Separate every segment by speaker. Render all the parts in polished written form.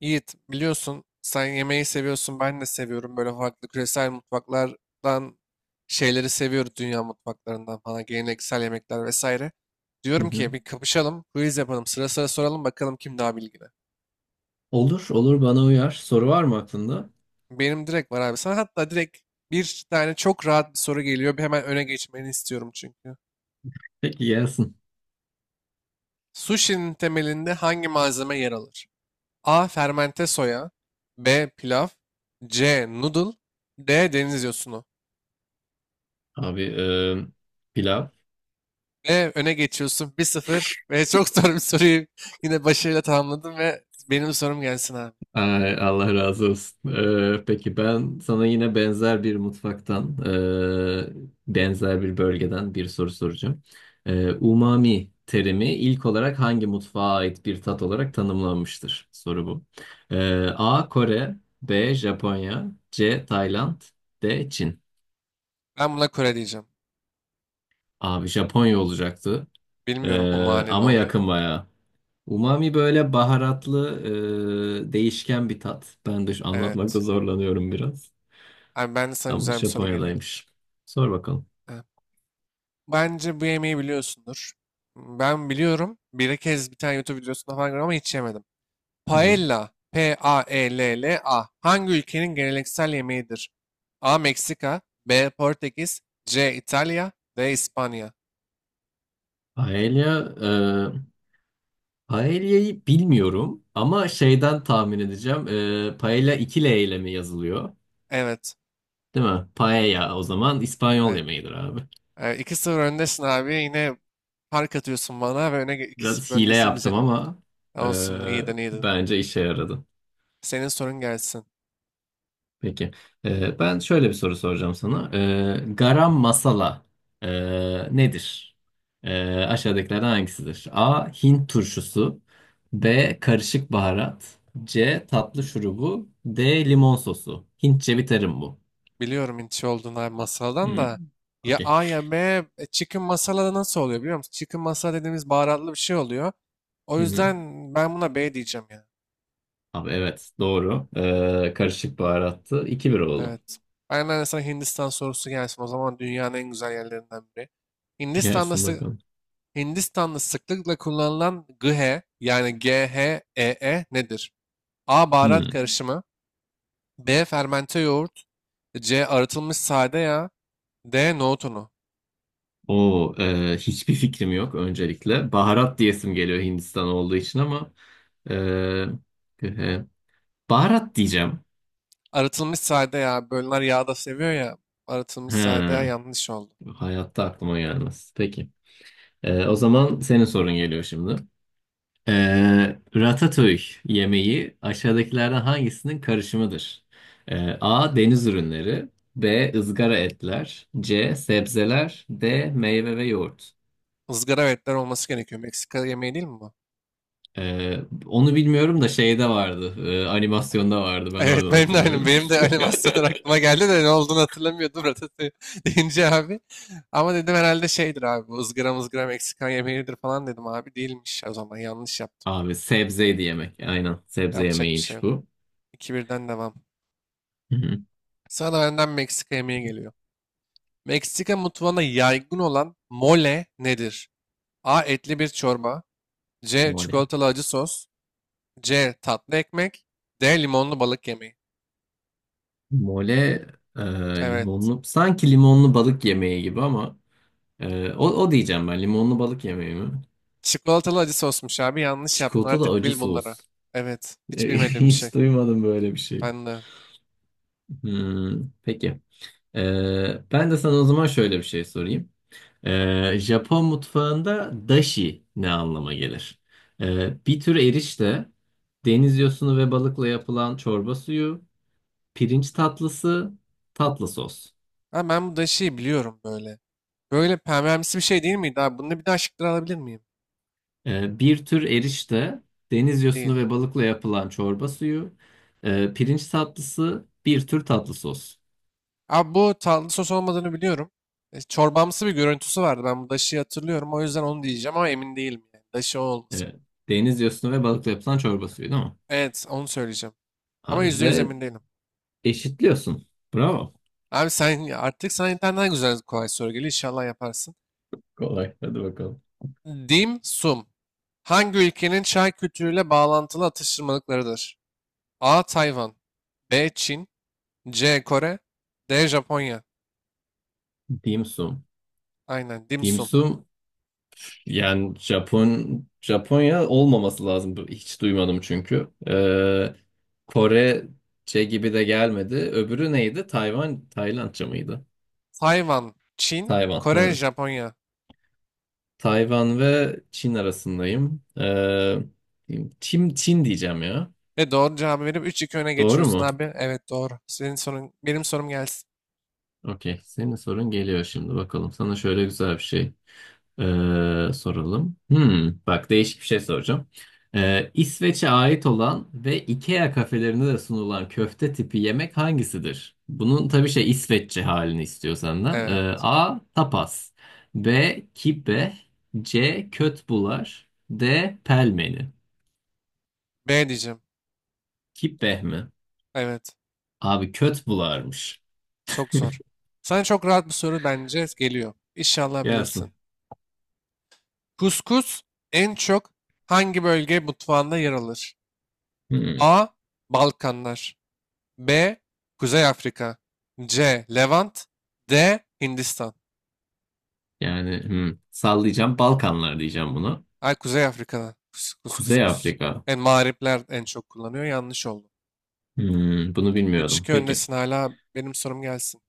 Speaker 1: Yiğit, biliyorsun sen yemeği seviyorsun, ben de seviyorum. Böyle farklı küresel mutfaklardan şeyleri seviyoruz, dünya mutfaklarından falan, geleneksel yemekler vesaire.
Speaker 2: Hı
Speaker 1: Diyorum
Speaker 2: hı.
Speaker 1: ki bir kapışalım, quiz yapalım, sıra sıra soralım bakalım kim daha bilgili.
Speaker 2: Olur, olur bana uyar. Soru var mı aklında?
Speaker 1: Benim direkt var abi. Sana hatta direkt bir tane çok rahat bir soru geliyor. Bir hemen öne geçmeni istiyorum çünkü.
Speaker 2: Peki gelsin.
Speaker 1: Sushi'nin temelinde hangi malzeme yer alır? A. Fermente soya, B. Pilav, C. Noodle, D. Deniz yosunu.
Speaker 2: Abi pilav.
Speaker 1: Ve öne geçiyorsun 1-0 ve çok zor bir soruyu yine başarıyla tamamladım ve benim sorum gelsin abi.
Speaker 2: Ay, Allah razı olsun. Peki ben sana yine benzer bir mutfaktan, benzer bir bölgeden bir soru soracağım. Umami terimi ilk olarak hangi mutfağa ait bir tat olarak tanımlanmıştır? Soru bu. A. Kore, B. Japonya, C. Tayland, D. Çin.
Speaker 1: Ben buna Kore diyeceğim.
Speaker 2: Abi Japonya olacaktı. E,
Speaker 1: Bilmiyorum umane ne
Speaker 2: ama
Speaker 1: olduğunu.
Speaker 2: yakın bayağı. Umami böyle baharatlı, değişken bir tat. Ben de anlatmakta
Speaker 1: Evet.
Speaker 2: zorlanıyorum biraz.
Speaker 1: Abi ben de sana
Speaker 2: Ama
Speaker 1: güzel bir soru geliyor.
Speaker 2: Japonya'daymış. Sor bakalım.
Speaker 1: Ha. Bence bu yemeği biliyorsundur. Ben biliyorum. Bir kez bir tane YouTube videosunda falan gördüm ama hiç yemedim.
Speaker 2: Hı hı.
Speaker 1: Paella. P-A-E-L-L-A. Hangi ülkenin geleneksel yemeğidir? A. Meksika, B. Portekiz, C. İtalya, D. İspanya.
Speaker 2: Paella, paella'yı bilmiyorum ama şeyden tahmin edeceğim. Paella 2 L ile mi yazılıyor?
Speaker 1: Evet.
Speaker 2: Değil mi? Paella o zaman İspanyol
Speaker 1: Evet.
Speaker 2: yemeğidir abi.
Speaker 1: 2-0 öndesin abi. Yine fark atıyorsun bana ve öne 2-0
Speaker 2: Biraz hile
Speaker 1: öndesin, güzel.
Speaker 2: yaptım ama e,
Speaker 1: Olsun, iyiydin iyiydin.
Speaker 2: bence işe yaradı.
Speaker 1: Senin sorun gelsin.
Speaker 2: Peki. Ben şöyle bir soru soracağım sana. Garam masala nedir? Aşağıdakilerden hangisidir? A. Hint turşusu, B. Karışık baharat, C. Tatlı şurubu, D. Limon sosu. Hintçe bir terim bu.
Speaker 1: Biliyorum intiş olduğun abi masaldan da.
Speaker 2: Hmm,
Speaker 1: Ya
Speaker 2: Okey.
Speaker 1: A ya B. Chicken masala da nasıl oluyor biliyor musun? Chicken masala dediğimiz baharatlı bir şey oluyor. O
Speaker 2: Hı hı.
Speaker 1: yüzden ben buna B diyeceğim ya.
Speaker 2: Abi evet doğru. Karışık baharattı. 2-1 oldu.
Speaker 1: Evet. Aynen, de sana Hindistan sorusu gelsin. O zaman dünyanın en güzel yerlerinden biri. Hindistan'da,
Speaker 2: Gelsin
Speaker 1: sı-
Speaker 2: bakalım.
Speaker 1: Hindistan'da sıklıkla kullanılan GH, yani GHEE nedir? A. Baharat
Speaker 2: Hmm.
Speaker 1: karışımı, B. Fermente yoğurt, C. Arıtılmış sade yağ, D. Nohut unu.
Speaker 2: O hiçbir fikrim yok öncelikle. Baharat diyesim geliyor Hindistan olduğu için ama e, e, baharat diyeceğim.
Speaker 1: Arıtılmış sade yağ. Bölünler yağ da seviyor ya. Arıtılmış sade yağ,
Speaker 2: He,
Speaker 1: yanlış oldu.
Speaker 2: hayatta aklıma gelmez. Peki. O zaman senin sorun geliyor şimdi. E, ratatouille yemeği aşağıdakilerden hangisinin karışımıdır? A. Deniz ürünleri, B. ızgara etler, C. Sebzeler, D. Meyve ve yoğurt.
Speaker 1: Izgara ve etler olması gerekiyor. Meksika yemeği değil mi bu?
Speaker 2: Ee, onu bilmiyorum da şeyde vardı. Animasyonda vardı. Ben
Speaker 1: Evet,
Speaker 2: oradan
Speaker 1: benim de aynı.
Speaker 2: hatırlıyorum.
Speaker 1: Benim de animasyonlar aklıma geldi de ne olduğunu hatırlamıyordum Ratatouille deyince abi. Ama dedim herhalde şeydir abi, bu ızgara mızgara Meksikan yemeğidir falan dedim abi. Değilmiş, o zaman yanlış yaptım.
Speaker 2: Abi sebzeydi yemek. Aynen. Sebze
Speaker 1: Yapacak bir şey
Speaker 2: yemeğiymiş
Speaker 1: yok.
Speaker 2: bu.
Speaker 1: 2-1'den devam.
Speaker 2: Hı hı.
Speaker 1: Sana da benden Meksika yemeği geliyor. Meksika mutfağına yaygın olan mole nedir? A. Etli bir çorba, C.
Speaker 2: Mole.
Speaker 1: Çikolatalı acı sos, C. Tatlı ekmek, D. Limonlu balık yemeği.
Speaker 2: Mole e,
Speaker 1: Evet.
Speaker 2: limonlu. Sanki limonlu balık yemeği gibi ama o diyeceğim ben. Limonlu balık yemeği mi?
Speaker 1: Çikolatalı acı sosmuş abi. Yanlış yaptın.
Speaker 2: Çikolatalı
Speaker 1: Artık
Speaker 2: acı
Speaker 1: bil bunları.
Speaker 2: sos.
Speaker 1: Evet. Hiç bilmediğim bir şey.
Speaker 2: Hiç duymadım böyle bir şey.
Speaker 1: Ben de.
Speaker 2: Peki. Ben de sana o zaman şöyle bir şey sorayım. Japon mutfağında dashi ne anlama gelir? Bir tür erişte, deniz yosunu ve balıkla yapılan çorba suyu, pirinç tatlısı, tatlı sos.
Speaker 1: Ha, ben bu da şeyi biliyorum böyle. Böyle pembemsi bir şey değil miydi abi? Bunu bir daha şıkları alabilir miyim?
Speaker 2: Bir tür erişte, deniz yosunu
Speaker 1: Değil.
Speaker 2: ve balıkla yapılan çorba suyu, pirinç tatlısı, bir tür tatlı sos.
Speaker 1: Abi bu tatlı sos olmadığını biliyorum. Çorbamsı bir görüntüsü vardı. Ben bu daşıyı hatırlıyorum. O yüzden onu diyeceğim ama emin değilim. Yani. Daşı o olması.
Speaker 2: Ee, deniz yosunu ve balıkla yapılan çorba suyu değil mi?
Speaker 1: Evet, onu söyleyeceğim. Ama
Speaker 2: Abi
Speaker 1: %100
Speaker 2: ve
Speaker 1: emin değilim.
Speaker 2: eşitliyorsun. Bravo.
Speaker 1: Abi sen artık sana internetten güzel kolay soru geliyor. İnşallah yaparsın.
Speaker 2: Kolay. Hadi bakalım.
Speaker 1: Dim sum. Hangi ülkenin çay kültürüyle bağlantılı atıştırmalıklarıdır? A. Tayvan, B. Çin, C. Kore, D. Japonya.
Speaker 2: Dim sum.
Speaker 1: Aynen. Dim
Speaker 2: Dim
Speaker 1: sum.
Speaker 2: sum, yani Japonya olmaması lazım. Hiç duymadım çünkü. Korece gibi de gelmedi. Öbürü neydi? Tayvan, Taylandca mıydı?
Speaker 1: Tayvan, Çin,
Speaker 2: Tayvan,
Speaker 1: Kore,
Speaker 2: hı.
Speaker 1: Japonya.
Speaker 2: Tayvan ve Çin arasındayım. Çin diyeceğim ya.
Speaker 1: Ve doğru cevabı verip 3-2 öne
Speaker 2: Doğru
Speaker 1: geçiyorsun
Speaker 2: mu?
Speaker 1: abi. Evet, doğru. Senin sorun, benim sorum gelsin.
Speaker 2: Okey. Senin sorun geliyor şimdi bakalım. Sana şöyle güzel bir şey. Soralım. Bak değişik bir şey soracağım. İsveç'e ait olan ve IKEA kafelerinde de sunulan köfte tipi yemek hangisidir? Bunun tabii şey İsveççe halini istiyor senden.
Speaker 1: Evet.
Speaker 2: A. Tapas, B. Kibbe, C. Kötbular, D. Pelmeni.
Speaker 1: B diyeceğim.
Speaker 2: Kibbeh mi?
Speaker 1: Evet.
Speaker 2: Abi kötbularmış.
Speaker 1: Çok zor. Sana çok rahat bir soru bence geliyor. İnşallah
Speaker 2: Gelsin.
Speaker 1: bilirsin. Kuskus en çok hangi bölge mutfağında yer alır?
Speaker 2: Hmm,
Speaker 1: A. Balkanlar, B. Kuzey Afrika, C. Levant, D. Hindistan.
Speaker 2: yani hmm, sallayacağım Balkanlar diyeceğim bunu.
Speaker 1: Ay, Kuzey Afrika'da. Kus kus kus
Speaker 2: Kuzey
Speaker 1: kus.
Speaker 2: Afrika.
Speaker 1: En mağripler en çok kullanıyor. Yanlış oldu.
Speaker 2: Bunu bilmiyordum.
Speaker 1: 3-2
Speaker 2: Peki.
Speaker 1: öndesin hala. Benim sorum gelsin.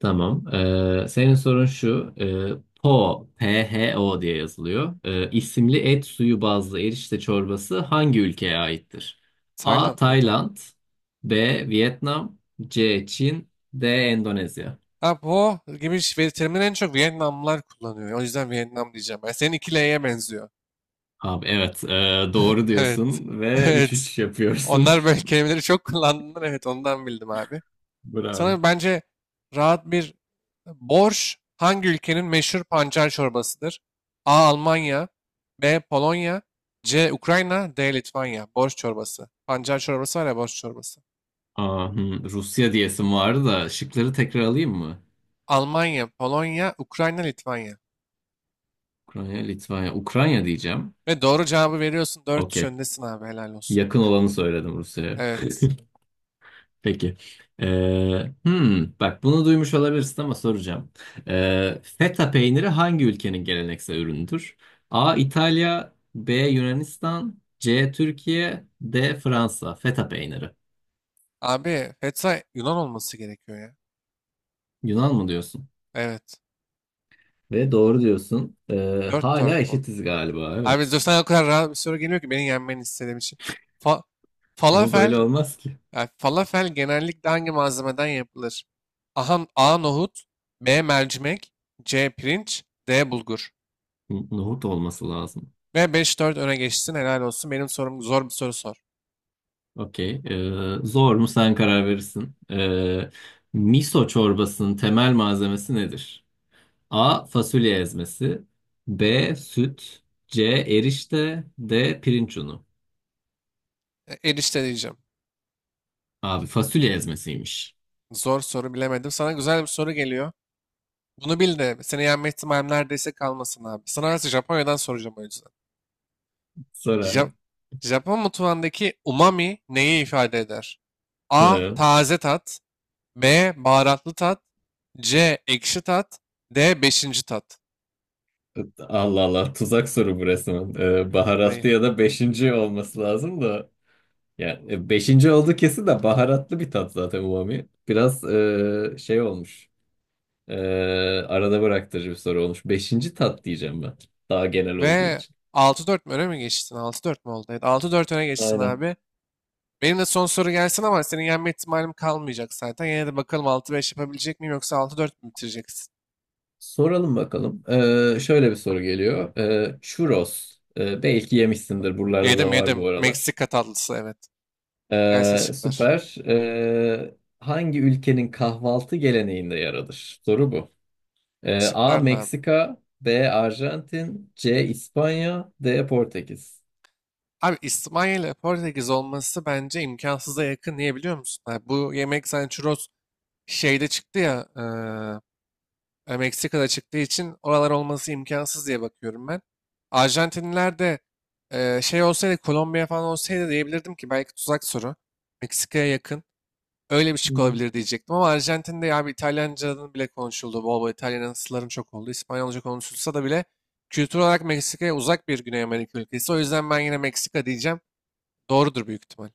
Speaker 2: Tamam. Senin sorun şu. Po Pho diye yazılıyor. İsimli et suyu bazlı erişte çorbası hangi ülkeye aittir? A.
Speaker 1: Tayland mıydı?
Speaker 2: Tayland, B. Vietnam, C. Çin, D. Endonezya.
Speaker 1: Ha, po gibi ve terimleri en çok Vietnamlılar kullanıyor. O yüzden Vietnam diyeceğim. Ben senin 2L'ye benziyor.
Speaker 2: Abi evet doğru
Speaker 1: Evet.
Speaker 2: diyorsun ve üç
Speaker 1: Evet.
Speaker 2: üç yapıyorsun.
Speaker 1: Onlar böyle kelimeleri çok kullandığından, evet, ondan bildim abi.
Speaker 2: Bravo.
Speaker 1: Sana bence rahat bir borş, hangi ülkenin meşhur pancar çorbasıdır? A. Almanya, B. Polonya, C. Ukrayna, D. Litvanya. Borş çorbası. Pancar çorbası var ya, borş çorbası.
Speaker 2: Aa, Rusya diyesim vardı da şıkları tekrar alayım mı?
Speaker 1: Almanya, Polonya, Ukrayna, Litvanya.
Speaker 2: Ukrayna, Litvanya, Ukrayna diyeceğim.
Speaker 1: Ve doğru cevabı veriyorsun. 4-3
Speaker 2: Okey.
Speaker 1: öndesin abi, helal olsun.
Speaker 2: Yakın olanı söyledim Rusya'ya.
Speaker 1: Evet.
Speaker 2: Peki. Bak bunu duymuş olabilirsin ama soracağım. Feta peyniri hangi ülkenin geleneksel ürünüdür? A. İtalya, B. Yunanistan, C. Türkiye, D. Fransa. Feta peyniri.
Speaker 1: Abi Fetsa Yunan olması gerekiyor ya.
Speaker 2: Yunan mı diyorsun?
Speaker 1: Evet.
Speaker 2: Ve doğru diyorsun. Ee,
Speaker 1: dört
Speaker 2: hala
Speaker 1: dört mu?
Speaker 2: eşitiz galiba,
Speaker 1: Abi
Speaker 2: evet.
Speaker 1: Zosa'dan o kadar rahat bir soru geliyor ki, beni yenmeni istediğim için. Fa-
Speaker 2: Ama
Speaker 1: Falafel,
Speaker 2: böyle olmaz ki.
Speaker 1: yani falafel genellikle hangi malzemeden yapılır? Aha, A. Nohut, B. Mercimek, C. Pirinç, D. Bulgur.
Speaker 2: Nohut olması lazım.
Speaker 1: Ve 5-4 öne geçsin, helal olsun. Benim sorum, zor bir soru sor.
Speaker 2: Okey. Zor mu, sen karar verirsin. Miso çorbasının temel malzemesi nedir? A. Fasulye ezmesi, B. Süt, C. Erişte, D. Pirinç unu.
Speaker 1: Erişte diyeceğim.
Speaker 2: Abi fasulye ezmesiymiş.
Speaker 1: Zor soru, bilemedim. Sana güzel bir soru geliyor. Bunu bil de seni yenme ihtimalim neredeyse kalmasın abi. Sana nasıl Japonya'dan soracağım o yüzden.
Speaker 2: Sor abi.
Speaker 1: Ja- Japon mutfağındaki umami neyi ifade eder? A.
Speaker 2: He.
Speaker 1: Taze tat, B. Baharatlı tat, C. Ekşi tat, D. Beşinci tat.
Speaker 2: Allah Allah, tuzak soru bu resmen. Ee,
Speaker 1: Dayı.
Speaker 2: baharatlı ya da beşinci olması lazım da. Yani beşinci oldu kesin de baharatlı bir tat zaten umami. Biraz şey olmuş. E, arada bıraktırıcı bir soru olmuş. Beşinci tat diyeceğim ben. Daha genel olduğu
Speaker 1: Ve
Speaker 2: için.
Speaker 1: 6-4 mü öne mi geçtin? 6-4 mü oldu? Evet, 6-4 öne geçtin
Speaker 2: Aynen.
Speaker 1: abi. Benim de son soru gelsin ama senin yenme ihtimalim kalmayacak zaten. Yine de bakalım 6-5 yapabilecek miyim, yoksa 6-4 mü bitireceksin?
Speaker 2: Soralım bakalım. Şöyle bir soru geliyor. Churros. Belki yemişsindir. Buralarda
Speaker 1: Yedim
Speaker 2: da var
Speaker 1: yedim.
Speaker 2: bu aralar.
Speaker 1: Meksika tatlısı, evet. Gelsin
Speaker 2: Ee,
Speaker 1: şıklar.
Speaker 2: süper. Hangi ülkenin kahvaltı geleneğinde yer alır? Soru bu. A.
Speaker 1: Şıklar ne abi?
Speaker 2: Meksika, B. Arjantin, C. İspanya, D. Portekiz.
Speaker 1: Abi İspanya ile Portekiz olması bence imkansıza yakın. Niye biliyor musun? Abi bu yemek sanchros şeyde çıktı ya. Meksika'da çıktığı için oralar olması imkansız diye bakıyorum ben. Arjantinliler de şey olsaydı, Kolombiya falan olsaydı diyebilirdim ki belki tuzak soru. Meksika'ya yakın. Öyle bir şık
Speaker 2: Hmm.
Speaker 1: olabilir diyecektim ama Arjantin'de ya bir İtalyanca'nın bile konuşuldu. Bol bol İtalyansların çok oldu. İspanyolca konuşulsa da bile kültür olarak Meksika'ya uzak bir Güney Amerika ülkesi. O yüzden ben yine Meksika diyeceğim. Doğrudur büyük ihtimal.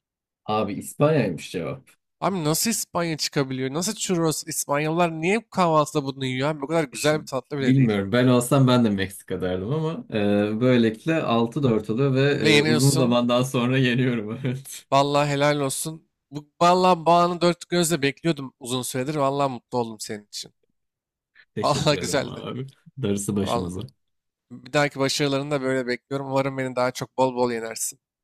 Speaker 2: Abi İspanya'ymış cevap.
Speaker 1: Abi nasıl İspanya çıkabiliyor? Nasıl churros? İspanyollar niye bu kahvaltıda bunu yiyor, abi? Bu kadar
Speaker 2: İşte
Speaker 1: güzel bir tatlı bile değil.
Speaker 2: bilmiyorum. Ben olsam ben de Meksika derdim ama böylelikle 6-4 oluyor ve
Speaker 1: Ve
Speaker 2: uzun
Speaker 1: yeniyorsun.
Speaker 2: zamandan sonra yeniyorum. Evet.
Speaker 1: Vallahi helal olsun. Bu, vallahi bu anı dört gözle bekliyordum uzun süredir. Vallahi mutlu oldum senin için.
Speaker 2: Teşekkür
Speaker 1: Vallahi
Speaker 2: ederim
Speaker 1: güzeldi.
Speaker 2: abi. Darısı
Speaker 1: Vallahi.
Speaker 2: başımıza.
Speaker 1: Bir dahaki başarılarını da böyle bekliyorum. Umarım beni daha çok bol bol yenersin.